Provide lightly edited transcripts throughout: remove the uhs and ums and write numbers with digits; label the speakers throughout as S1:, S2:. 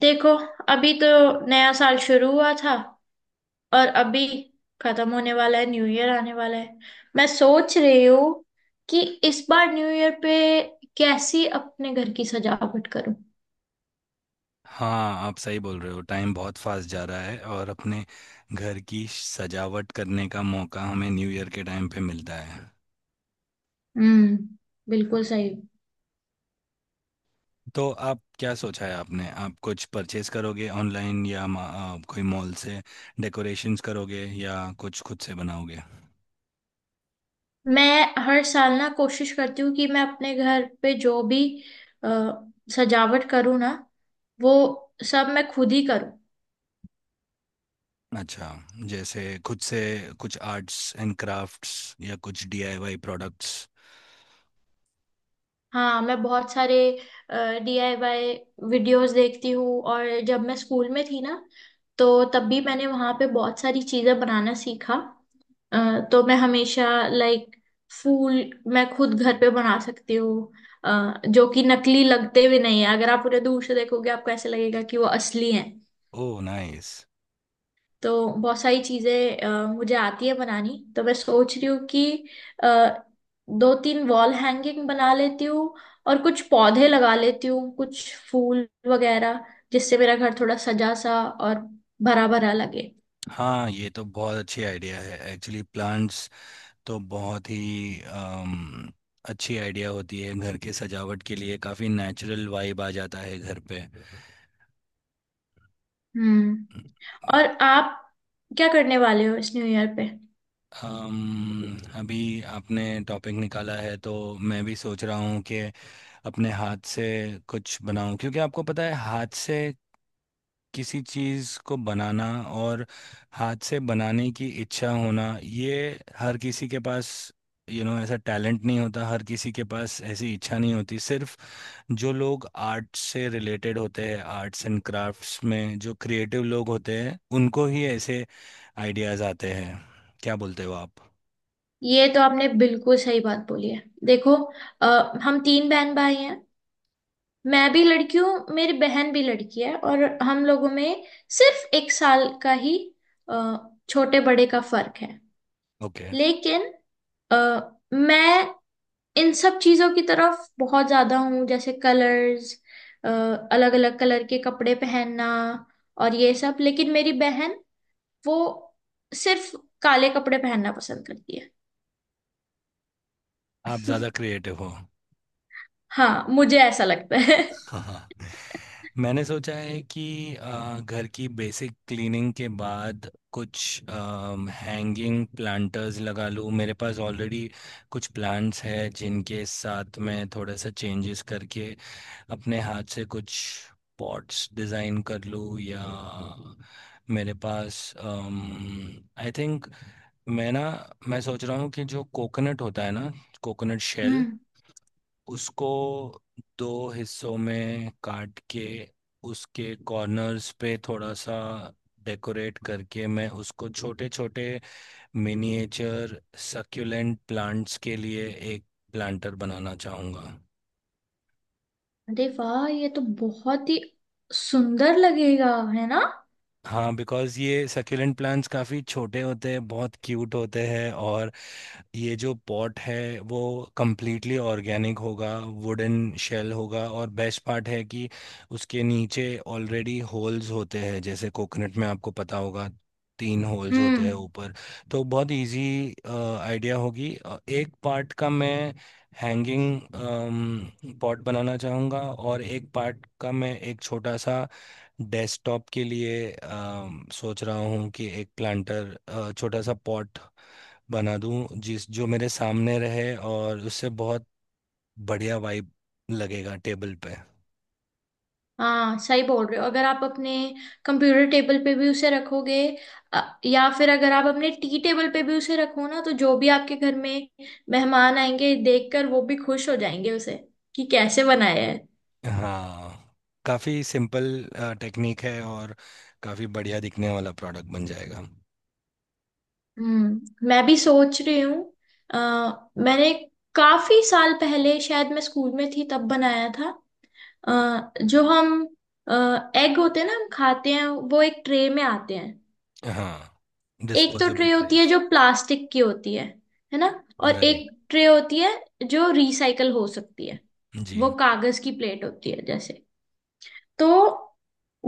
S1: देखो, अभी तो नया साल शुरू हुआ था और अभी खत्म होने वाला है। न्यू ईयर आने वाला है। मैं सोच रही हूँ कि इस बार न्यू ईयर पे कैसी अपने घर की सजावट करूं।
S2: हाँ आप सही बोल रहे हो। टाइम बहुत फास्ट जा रहा है और अपने घर की सजावट करने का मौका हमें न्यू ईयर के टाइम पे मिलता है।
S1: हम्म। बिल्कुल सही।
S2: तो आप क्या सोचा है आपने? आप कुछ परचेज करोगे ऑनलाइन या कोई मॉल से डेकोरेशंस करोगे या कुछ खुद से बनाओगे?
S1: मैं हर साल ना कोशिश करती हूँ कि मैं अपने घर पे जो भी अ, सजावट करूँ ना, वो सब मैं खुद ही करूँ।
S2: अच्छा, जैसे खुद से कुछ आर्ट्स एंड क्राफ्ट्स या कुछ डीआईवाई प्रोडक्ट्स?
S1: हाँ, मैं बहुत सारे डीआईवाई वीडियोस देखती हूँ। और जब मैं स्कूल में थी ना, तो तब भी मैंने वहाँ पे बहुत सारी चीज़ें बनाना सीखा। तो मैं हमेशा लाइक फूल मैं खुद घर पे बना सकती हूँ। जो कि नकली लगते भी नहीं है, अगर आप उन्हें दूर से देखोगे आपको ऐसे लगेगा कि वो असली है।
S2: ओह, नाइस।
S1: तो बहुत सारी चीजें मुझे आती है बनानी, तो मैं सोच रही हूँ कि अ, दो तीन वॉल हैंगिंग बना लेती हूँ। और कुछ पौधे लगा लेती हूँ, कुछ फूल वगैरह, जिससे मेरा घर थोड़ा सजा सा और भरा भरा लगे।
S2: हाँ, ये तो बहुत अच्छी आइडिया है एक्चुअली। प्लांट्स तो बहुत ही अच्छी आइडिया होती है घर के सजावट के लिए। काफ़ी नेचुरल वाइब आ जाता है घर पे।
S1: हम्म। और आप क्या करने वाले हो इस न्यू ईयर पे?
S2: अभी आपने टॉपिक निकाला है तो मैं भी सोच रहा हूँ कि अपने हाथ से कुछ बनाऊं, क्योंकि आपको पता है हाथ से किसी चीज़ को बनाना और हाथ से बनाने की इच्छा होना, ये हर किसी के पास यू you नो know, ऐसा टैलेंट नहीं होता, हर किसी के पास ऐसी इच्छा नहीं होती। सिर्फ जो लोग आर्ट से रिलेटेड होते हैं, आर्ट्स एंड क्राफ्ट्स में जो क्रिएटिव लोग होते हैं, उनको ही ऐसे आइडियाज आते हैं। क्या बोलते हो आप?
S1: ये तो आपने बिल्कुल सही बात बोली है। देखो, हम तीन बहन भाई हैं। मैं भी लड़की हूँ, मेरी बहन भी लड़की है, और हम लोगों में सिर्फ 1 साल का ही अ, छोटे बड़े का फर्क है।
S2: ओके।
S1: लेकिन अ, मैं इन सब चीजों की तरफ बहुत ज्यादा हूँ, जैसे कलर्स, अलग अलग कलर के कपड़े पहनना और ये सब। लेकिन मेरी बहन, वो सिर्फ काले कपड़े पहनना पसंद करती है।
S2: आप ज़्यादा क्रिएटिव हो।
S1: हाँ, मुझे ऐसा लगता है।
S2: हाँ, हाँ। मैंने सोचा है कि घर की बेसिक क्लीनिंग के बाद कुछ हैंगिंग प्लांटर्स लगा लूँ। मेरे पास ऑलरेडी कुछ प्लांट्स हैं जिनके साथ मैं थोड़ा सा चेंजेस करके अपने हाथ से कुछ पॉट्स डिज़ाइन कर लूँ। या मेरे पास, आई थिंक, मैं ना मैं सोच रहा हूँ कि जो कोकोनट होता है ना, कोकोनट शेल,
S1: हम्म।
S2: उसको दो हिस्सों में काट के उसके कॉर्नर्स पे थोड़ा सा डेकोरेट करके मैं उसको छोटे छोटे मिनिएचर सक्यूलेंट प्लांट्स के लिए एक प्लांटर बनाना चाहूँगा।
S1: अरे वाह, ये तो बहुत ही सुंदर लगेगा, है ना?
S2: हाँ, बिकॉज ये सक्यूलेंट प्लांट्स काफ़ी छोटे होते हैं, बहुत क्यूट होते हैं। और ये जो पॉट है, वो कम्प्लीटली ऑर्गेनिक होगा, वुडन शेल होगा। और बेस्ट पार्ट है कि उसके नीचे ऑलरेडी होल्स होते हैं। जैसे कोकोनट में आपको पता होगा, 3 होल्स होते
S1: हम्म।
S2: हैं ऊपर। तो बहुत इजी आइडिया होगी। एक पार्ट का मैं हैंगिंग पॉट बनाना चाहूँगा, और एक पार्ट का मैं एक छोटा सा डेस्कटॉप के लिए, सोच रहा हूँ कि एक प्लांटर, छोटा सा पॉट बना दूँ जिस जो मेरे सामने रहे, और उससे बहुत बढ़िया वाइब लगेगा टेबल पे।
S1: हाँ, सही बोल रहे हो। अगर आप अपने कंप्यूटर टेबल पे भी उसे रखोगे, या फिर अगर आप अपने टी टेबल पे भी उसे रखो ना, तो जो भी आपके घर में मेहमान आएंगे, देखकर वो भी खुश हो जाएंगे उसे, कि कैसे बनाया है।
S2: हाँ, काफ़ी सिंपल टेक्निक है और काफ़ी बढ़िया दिखने वाला प्रोडक्ट बन जाएगा।
S1: हम्म। मैं भी सोच रही हूँ। अ, मैंने काफी साल पहले, शायद मैं स्कूल में थी तब बनाया था। अ, जो हम एग होते हैं ना हम खाते हैं, वो एक ट्रे में आते हैं।
S2: हाँ,
S1: एक तो
S2: डिस्पोजेबल
S1: ट्रे होती है
S2: ट्रेज।
S1: जो प्लास्टिक की होती है ना? और एक
S2: राइट।
S1: ट्रे होती है जो रिसाइकल हो सकती है,
S2: जी।
S1: वो कागज की प्लेट होती है जैसे। तो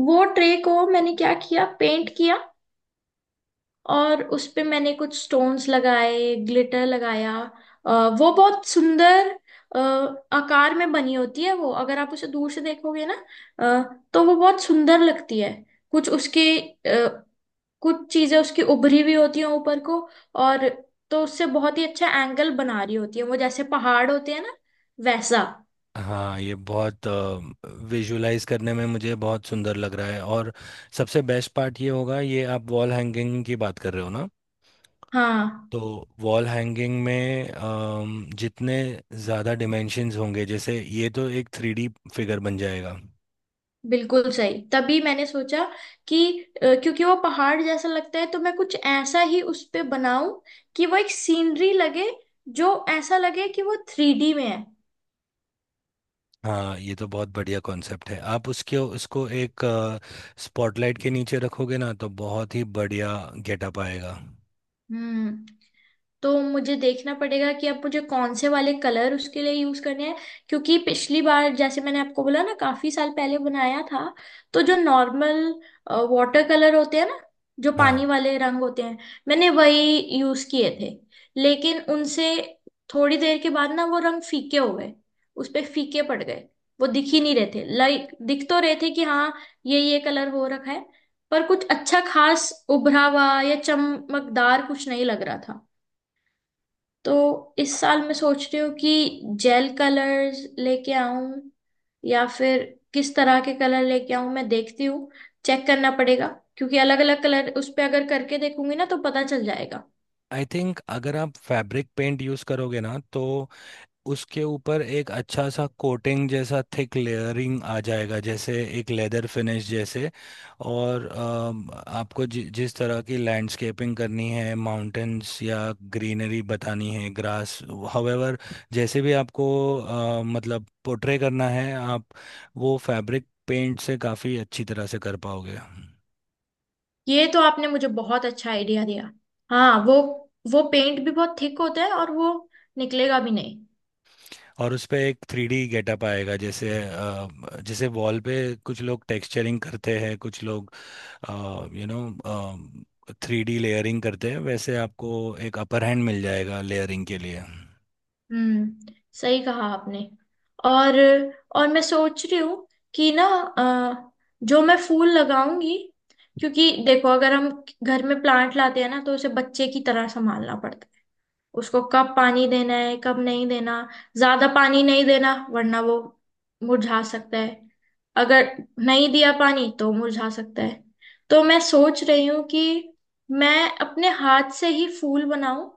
S1: वो ट्रे को मैंने क्या किया, पेंट किया। और उस पे मैंने कुछ स्टोन्स लगाए, ग्लिटर लगाया। अ, वो बहुत सुंदर अ, आकार में बनी होती है। वो अगर आप उसे दूर से देखोगे ना, अ, तो वो बहुत सुंदर लगती है। कुछ उसके कुछ चीजें उसकी उभरी हुई होती हैं ऊपर को। और तो उससे बहुत ही अच्छा एंगल बना रही होती है वो, जैसे पहाड़ होते हैं ना, वैसा।
S2: हाँ, ये बहुत विजुलाइज करने में मुझे बहुत सुंदर लग रहा है। और सबसे बेस्ट पार्ट ये होगा, ये आप वॉल हैंगिंग की बात कर रहे हो ना,
S1: हाँ,
S2: तो वॉल हैंगिंग में जितने ज़्यादा डिमेंशंस होंगे, जैसे ये तो एक 3D फिगर बन जाएगा।
S1: बिल्कुल सही। तभी मैंने सोचा कि क्योंकि वो पहाड़ जैसा लगता है, तो मैं कुछ ऐसा ही उस पे बनाऊं, कि वो एक सीनरी लगे, जो ऐसा लगे कि वो थ्री डी में है।
S2: हाँ, ये तो बहुत बढ़िया कॉन्सेप्ट है। आप उसके उसको एक स्पॉटलाइट के नीचे रखोगे ना, तो बहुत ही बढ़िया गेटअप आएगा।
S1: हम्म। तो मुझे देखना पड़ेगा कि अब मुझे कौन से वाले कलर उसके लिए यूज करने हैं। क्योंकि पिछली बार, जैसे मैंने आपको बोला ना, काफी साल पहले बनाया था। तो जो नॉर्मल वाटर कलर होते हैं ना, जो
S2: हाँ,
S1: पानी वाले रंग होते हैं, मैंने वही यूज किए थे। लेकिन उनसे थोड़ी देर के बाद ना, वो रंग फीके हो गए, उस पे फीके पड़ गए। वो दिख ही नहीं रहे थे। लाइक दिख तो रहे थे कि हाँ, ये कलर हो रखा है, पर कुछ अच्छा खास उभरा हुआ या चमकदार कुछ नहीं लग रहा था। तो इस साल मैं सोच रही हूँ कि जेल कलर्स लेके आऊं, या फिर किस तरह के कलर लेके आऊं, मैं देखती हूँ। चेक करना पड़ेगा, क्योंकि अलग अलग कलर उस पे अगर करके देखूंगी ना, तो पता चल जाएगा।
S2: आई थिंक अगर आप फैब्रिक पेंट यूज़ करोगे ना, तो उसके ऊपर एक अच्छा सा कोटिंग जैसा थिक लेयरिंग आ जाएगा, जैसे एक लेदर फिनिश जैसे। और आपको जिस तरह की लैंडस्केपिंग करनी है, माउंटेन्स या ग्रीनरी बतानी है, ग्रास, हावेवर जैसे भी आपको मतलब पोर्ट्रे करना है, आप वो फैब्रिक पेंट से काफ़ी अच्छी तरह से कर पाओगे।
S1: ये तो आपने मुझे बहुत अच्छा आइडिया दिया। हाँ, वो पेंट भी बहुत थिक होता है और वो निकलेगा भी नहीं।
S2: और उस पे एक थ्री डी गेटअप आएगा। जैसे वॉल पे कुछ लोग टेक्सचरिंग करते हैं, कुछ लोग, यू नो, 3D लेयरिंग करते हैं, वैसे आपको एक अपर हैंड मिल जाएगा लेयरिंग के लिए।
S1: हम्म। सही कहा आपने। और और मैं सोच रही हूँ कि ना, अ, जो मैं फूल लगाऊंगी, क्योंकि देखो, अगर हम घर में प्लांट लाते हैं ना, तो उसे बच्चे की तरह संभालना पड़ता है। उसको कब पानी देना है, कब नहीं देना, ज्यादा पानी नहीं देना वरना वो मुरझा सकता है। अगर नहीं दिया पानी तो मुरझा सकता है। तो मैं सोच रही हूँ कि मैं अपने हाथ से ही फूल बनाऊं,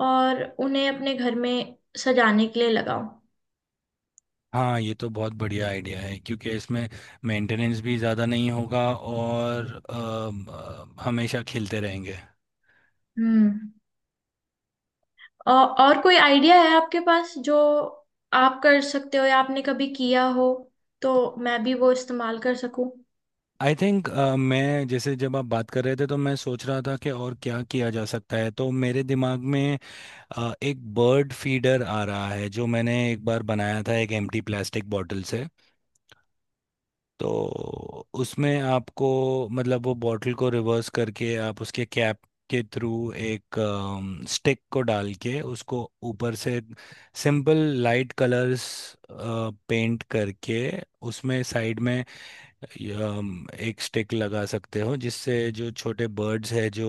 S1: और उन्हें अपने घर में सजाने के लिए लगाओ।
S2: हाँ, ये तो बहुत बढ़िया आइडिया है, क्योंकि इसमें मेंटेनेंस भी ज़्यादा नहीं होगा। और हमेशा खेलते रहेंगे।
S1: हम्म। और कोई आइडिया है आपके पास, जो आप कर सकते हो या आपने कभी किया हो, तो मैं भी वो इस्तेमाल कर सकूं।
S2: आई थिंक, मैं जैसे जब आप बात कर रहे थे तो मैं सोच रहा था कि और क्या किया जा सकता है, तो मेरे दिमाग में एक बर्ड फीडर आ रहा है जो मैंने एक बार बनाया था एक एम्प्टी प्लास्टिक बॉटल से। तो उसमें आपको, मतलब वो बॉटल को रिवर्स करके आप उसके कैप के थ्रू एक स्टिक को डाल के उसको ऊपर से सिंपल लाइट कलर्स पेंट करके उसमें साइड में एक स्टिक लगा सकते हो, जिससे जो छोटे बर्ड्स हैं जो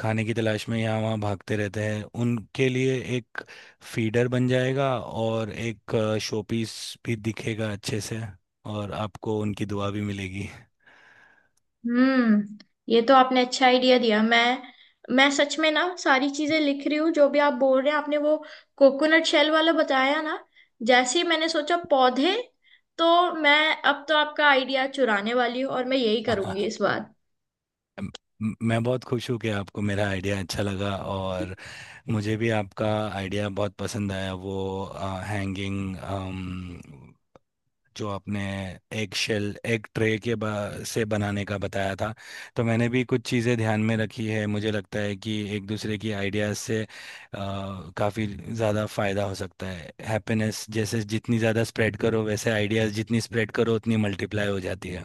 S2: खाने की तलाश में यहाँ वहाँ भागते रहते हैं उनके लिए एक फीडर बन जाएगा और एक शोपीस भी दिखेगा अच्छे से। और आपको उनकी दुआ भी मिलेगी।
S1: हम्म। ये तो आपने अच्छा आइडिया दिया। मैं सच में ना सारी चीजें लिख रही हूँ, जो भी आप बोल रहे हैं। आपने वो कोकोनट शेल वाला बताया ना, जैसे ही मैंने सोचा पौधे, तो मैं अब तो आपका आइडिया चुराने वाली हूँ, और मैं यही करूंगी इस बार।
S2: मैं बहुत खुश हूँ कि आपको मेरा आइडिया अच्छा लगा। और मुझे भी आपका आइडिया बहुत पसंद आया, वो हैंगिंग, जो आपने एग शेल, एग ट्रे से बनाने का बताया था। तो मैंने भी कुछ चीज़ें ध्यान में रखी है। मुझे लगता है कि एक दूसरे की आइडियाज़ से काफ़ी ज़्यादा फ़ायदा हो सकता है। हैप्पीनेस जैसे, जितनी ज़्यादा स्प्रेड करो, वैसे आइडियाज़ जितनी स्प्रेड करो उतनी मल्टीप्लाई हो जाती है।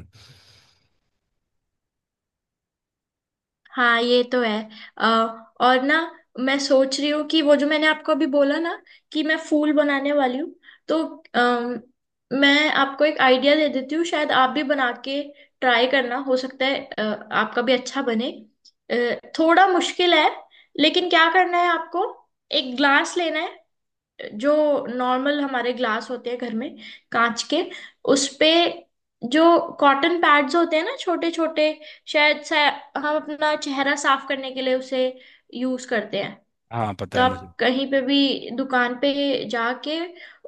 S1: हाँ, ये तो है। अ, और ना, मैं सोच रही हूँ कि वो जो मैंने आपको अभी बोला ना, कि मैं फूल बनाने वाली हूँ, तो अम, मैं आपको एक आइडिया दे देती हूँ, शायद आप भी बना के ट्राई करना, हो सकता है आपका भी अच्छा बने। थोड़ा मुश्किल है, लेकिन क्या करना है आपको, एक ग्लास लेना है, जो नॉर्मल हमारे ग्लास होते हैं घर में, कांच के। उस पे जो कॉटन पैड्स होते हैं ना, छोटे छोटे, शायद से हम अपना चेहरा साफ करने के लिए उसे यूज करते हैं।
S2: हाँ, पता
S1: तो
S2: है मुझे।
S1: आप कहीं पे भी दुकान पे जाके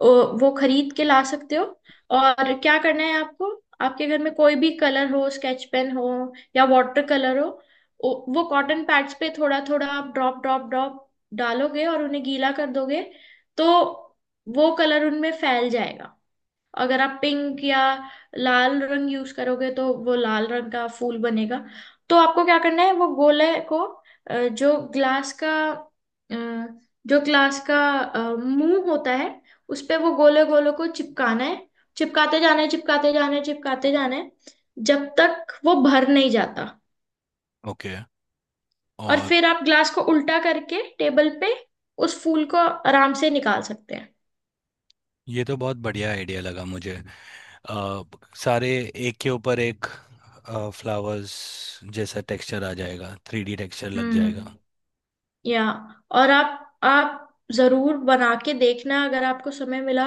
S1: वो खरीद के ला सकते हो। और क्या करना है आपको, आपके घर में कोई भी कलर हो, स्केच पेन हो या वाटर कलर हो, वो कॉटन पैड्स पे थोड़ा थोड़ा आप ड्रॉप ड्रॉप ड्रॉप डालोगे और उन्हें गीला कर दोगे, तो वो कलर उनमें फैल जाएगा। अगर आप पिंक या लाल रंग यूज करोगे तो वो लाल रंग का फूल बनेगा। तो आपको क्या करना है, वो गोले को, अ, जो ग्लास का अ, जो ग्लास का मुंह होता है, उस पे वो गोले गोले को चिपकाना है, चिपकाते जाना है, चिपकाते जाना है, चिपकाते जाना है, जब तक वो भर नहीं जाता।
S2: ओके।
S1: और
S2: और
S1: फिर आप ग्लास को उल्टा करके टेबल पे उस फूल को आराम से निकाल सकते हैं।
S2: ये तो बहुत बढ़िया आइडिया लगा मुझे। अ, सारे एक के ऊपर एक फ्लावर्स जैसा टेक्सचर आ जाएगा, थ्री डी टेक्सचर लग जाएगा।
S1: हम्म। या, और आप जरूर बना के देखना अगर आपको समय मिला।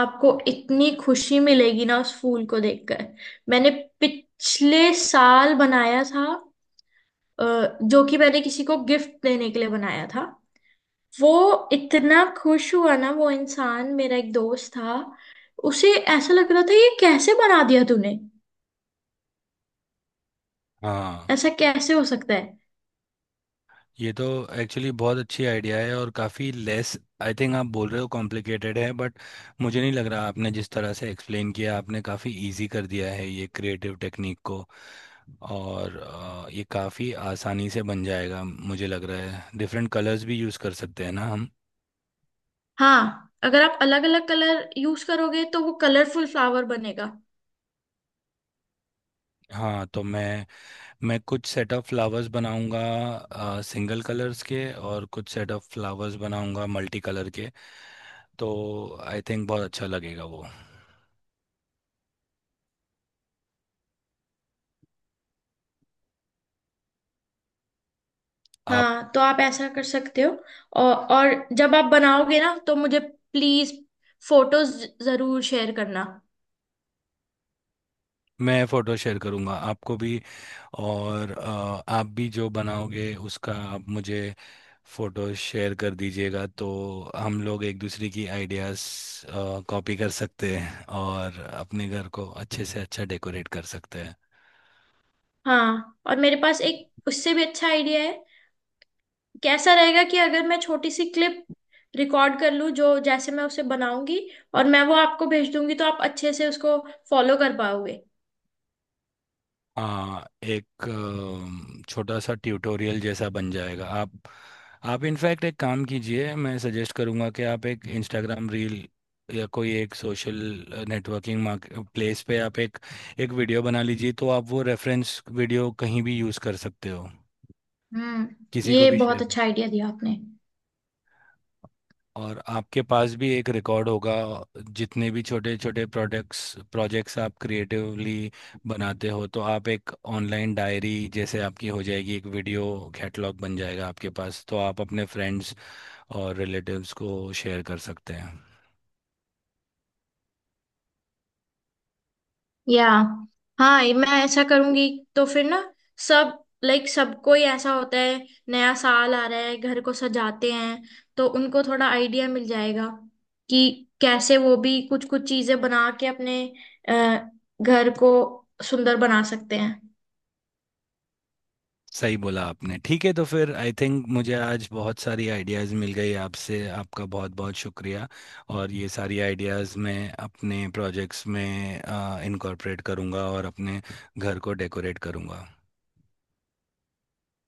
S1: आपको इतनी खुशी मिलेगी ना उस फूल को देखकर। मैंने पिछले साल बनाया था, जो कि मैंने किसी को गिफ्ट देने के लिए बनाया था। वो इतना खुश हुआ ना, वो इंसान, मेरा एक दोस्त था। उसे ऐसा लग रहा था, ये कैसे बना दिया तूने,
S2: हाँ,
S1: ऐसा कैसे हो सकता है।
S2: ये तो एक्चुअली बहुत अच्छी आइडिया है और काफ़ी लेस, आई थिंक आप बोल रहे हो कॉम्प्लिकेटेड है, बट मुझे नहीं लग रहा। आपने जिस तरह से एक्सप्लेन किया, आपने काफ़ी इजी कर दिया है ये क्रिएटिव टेक्निक को। और ये काफ़ी आसानी से बन जाएगा मुझे लग रहा है। डिफरेंट कलर्स भी यूज़ कर सकते हैं ना हम।
S1: हाँ, अगर आप अलग अलग कलर यूज करोगे तो वो कलरफुल फ्लावर बनेगा।
S2: हाँ, तो मैं कुछ सेट ऑफ फ्लावर्स बनाऊंगा सिंगल कलर्स के, और कुछ सेट ऑफ फ्लावर्स बनाऊंगा मल्टी कलर के। तो आई थिंक बहुत अच्छा लगेगा वो।
S1: हाँ, तो आप ऐसा कर सकते हो। और जब आप बनाओगे ना, तो मुझे प्लीज फोटोज जरूर शेयर करना।
S2: मैं फोटो शेयर करूंगा आपको भी। और आप भी जो बनाओगे उसका आप मुझे फोटो शेयर कर दीजिएगा, तो हम लोग एक दूसरे की आइडियाज कॉपी कर सकते हैं और अपने घर को अच्छे से अच्छा डेकोरेट कर सकते हैं।
S1: हाँ, और मेरे पास एक उससे भी अच्छा आइडिया है। कैसा रहेगा कि अगर मैं छोटी सी क्लिप रिकॉर्ड कर लूँ, जो जैसे मैं उसे बनाऊंगी, और मैं वो आपको भेज दूंगी, तो आप अच्छे से उसको फॉलो कर पाओगे।
S2: हाँ, एक छोटा सा ट्यूटोरियल जैसा बन जाएगा। आप इनफैक्ट एक काम कीजिए, मैं सजेस्ट करूँगा कि आप एक इंस्टाग्राम रील या कोई एक सोशल नेटवर्किंग प्लेस पे आप एक एक वीडियो बना लीजिए, तो आप वो रेफरेंस वीडियो कहीं भी यूज़ कर सकते हो,
S1: हम्म।
S2: किसी को
S1: ये
S2: भी
S1: बहुत
S2: शेयर।
S1: अच्छा आइडिया दिया आपने।
S2: और आपके पास भी एक रिकॉर्ड होगा। जितने भी छोटे छोटे प्रोडक्ट्स प्रोजेक्ट्स आप क्रिएटिवली बनाते हो, तो आप एक ऑनलाइन डायरी जैसे आपकी हो जाएगी, एक वीडियो कैटलॉग बन जाएगा आपके पास, तो आप अपने फ्रेंड्स और रिलेटिव्स को शेयर कर सकते हैं।
S1: या हाँ, ये मैं ऐसा करूंगी। तो फिर ना सब, लाइक सबको ही ऐसा होता है, नया साल आ रहा है, घर को सजाते हैं, तो उनको थोड़ा आइडिया मिल जाएगा कि कैसे वो भी कुछ कुछ चीजें बना के अपने अ, घर को सुंदर बना सकते हैं।
S2: सही बोला आपने। ठीक है, तो फिर आई थिंक मुझे आज बहुत सारी आइडियाज़ मिल गई आपसे। आपका बहुत बहुत शुक्रिया। और ये सारी आइडियाज़ मैं अपने प्रोजेक्ट्स में इनकॉर्पोरेट करूँगा और अपने घर को डेकोरेट करूँगा।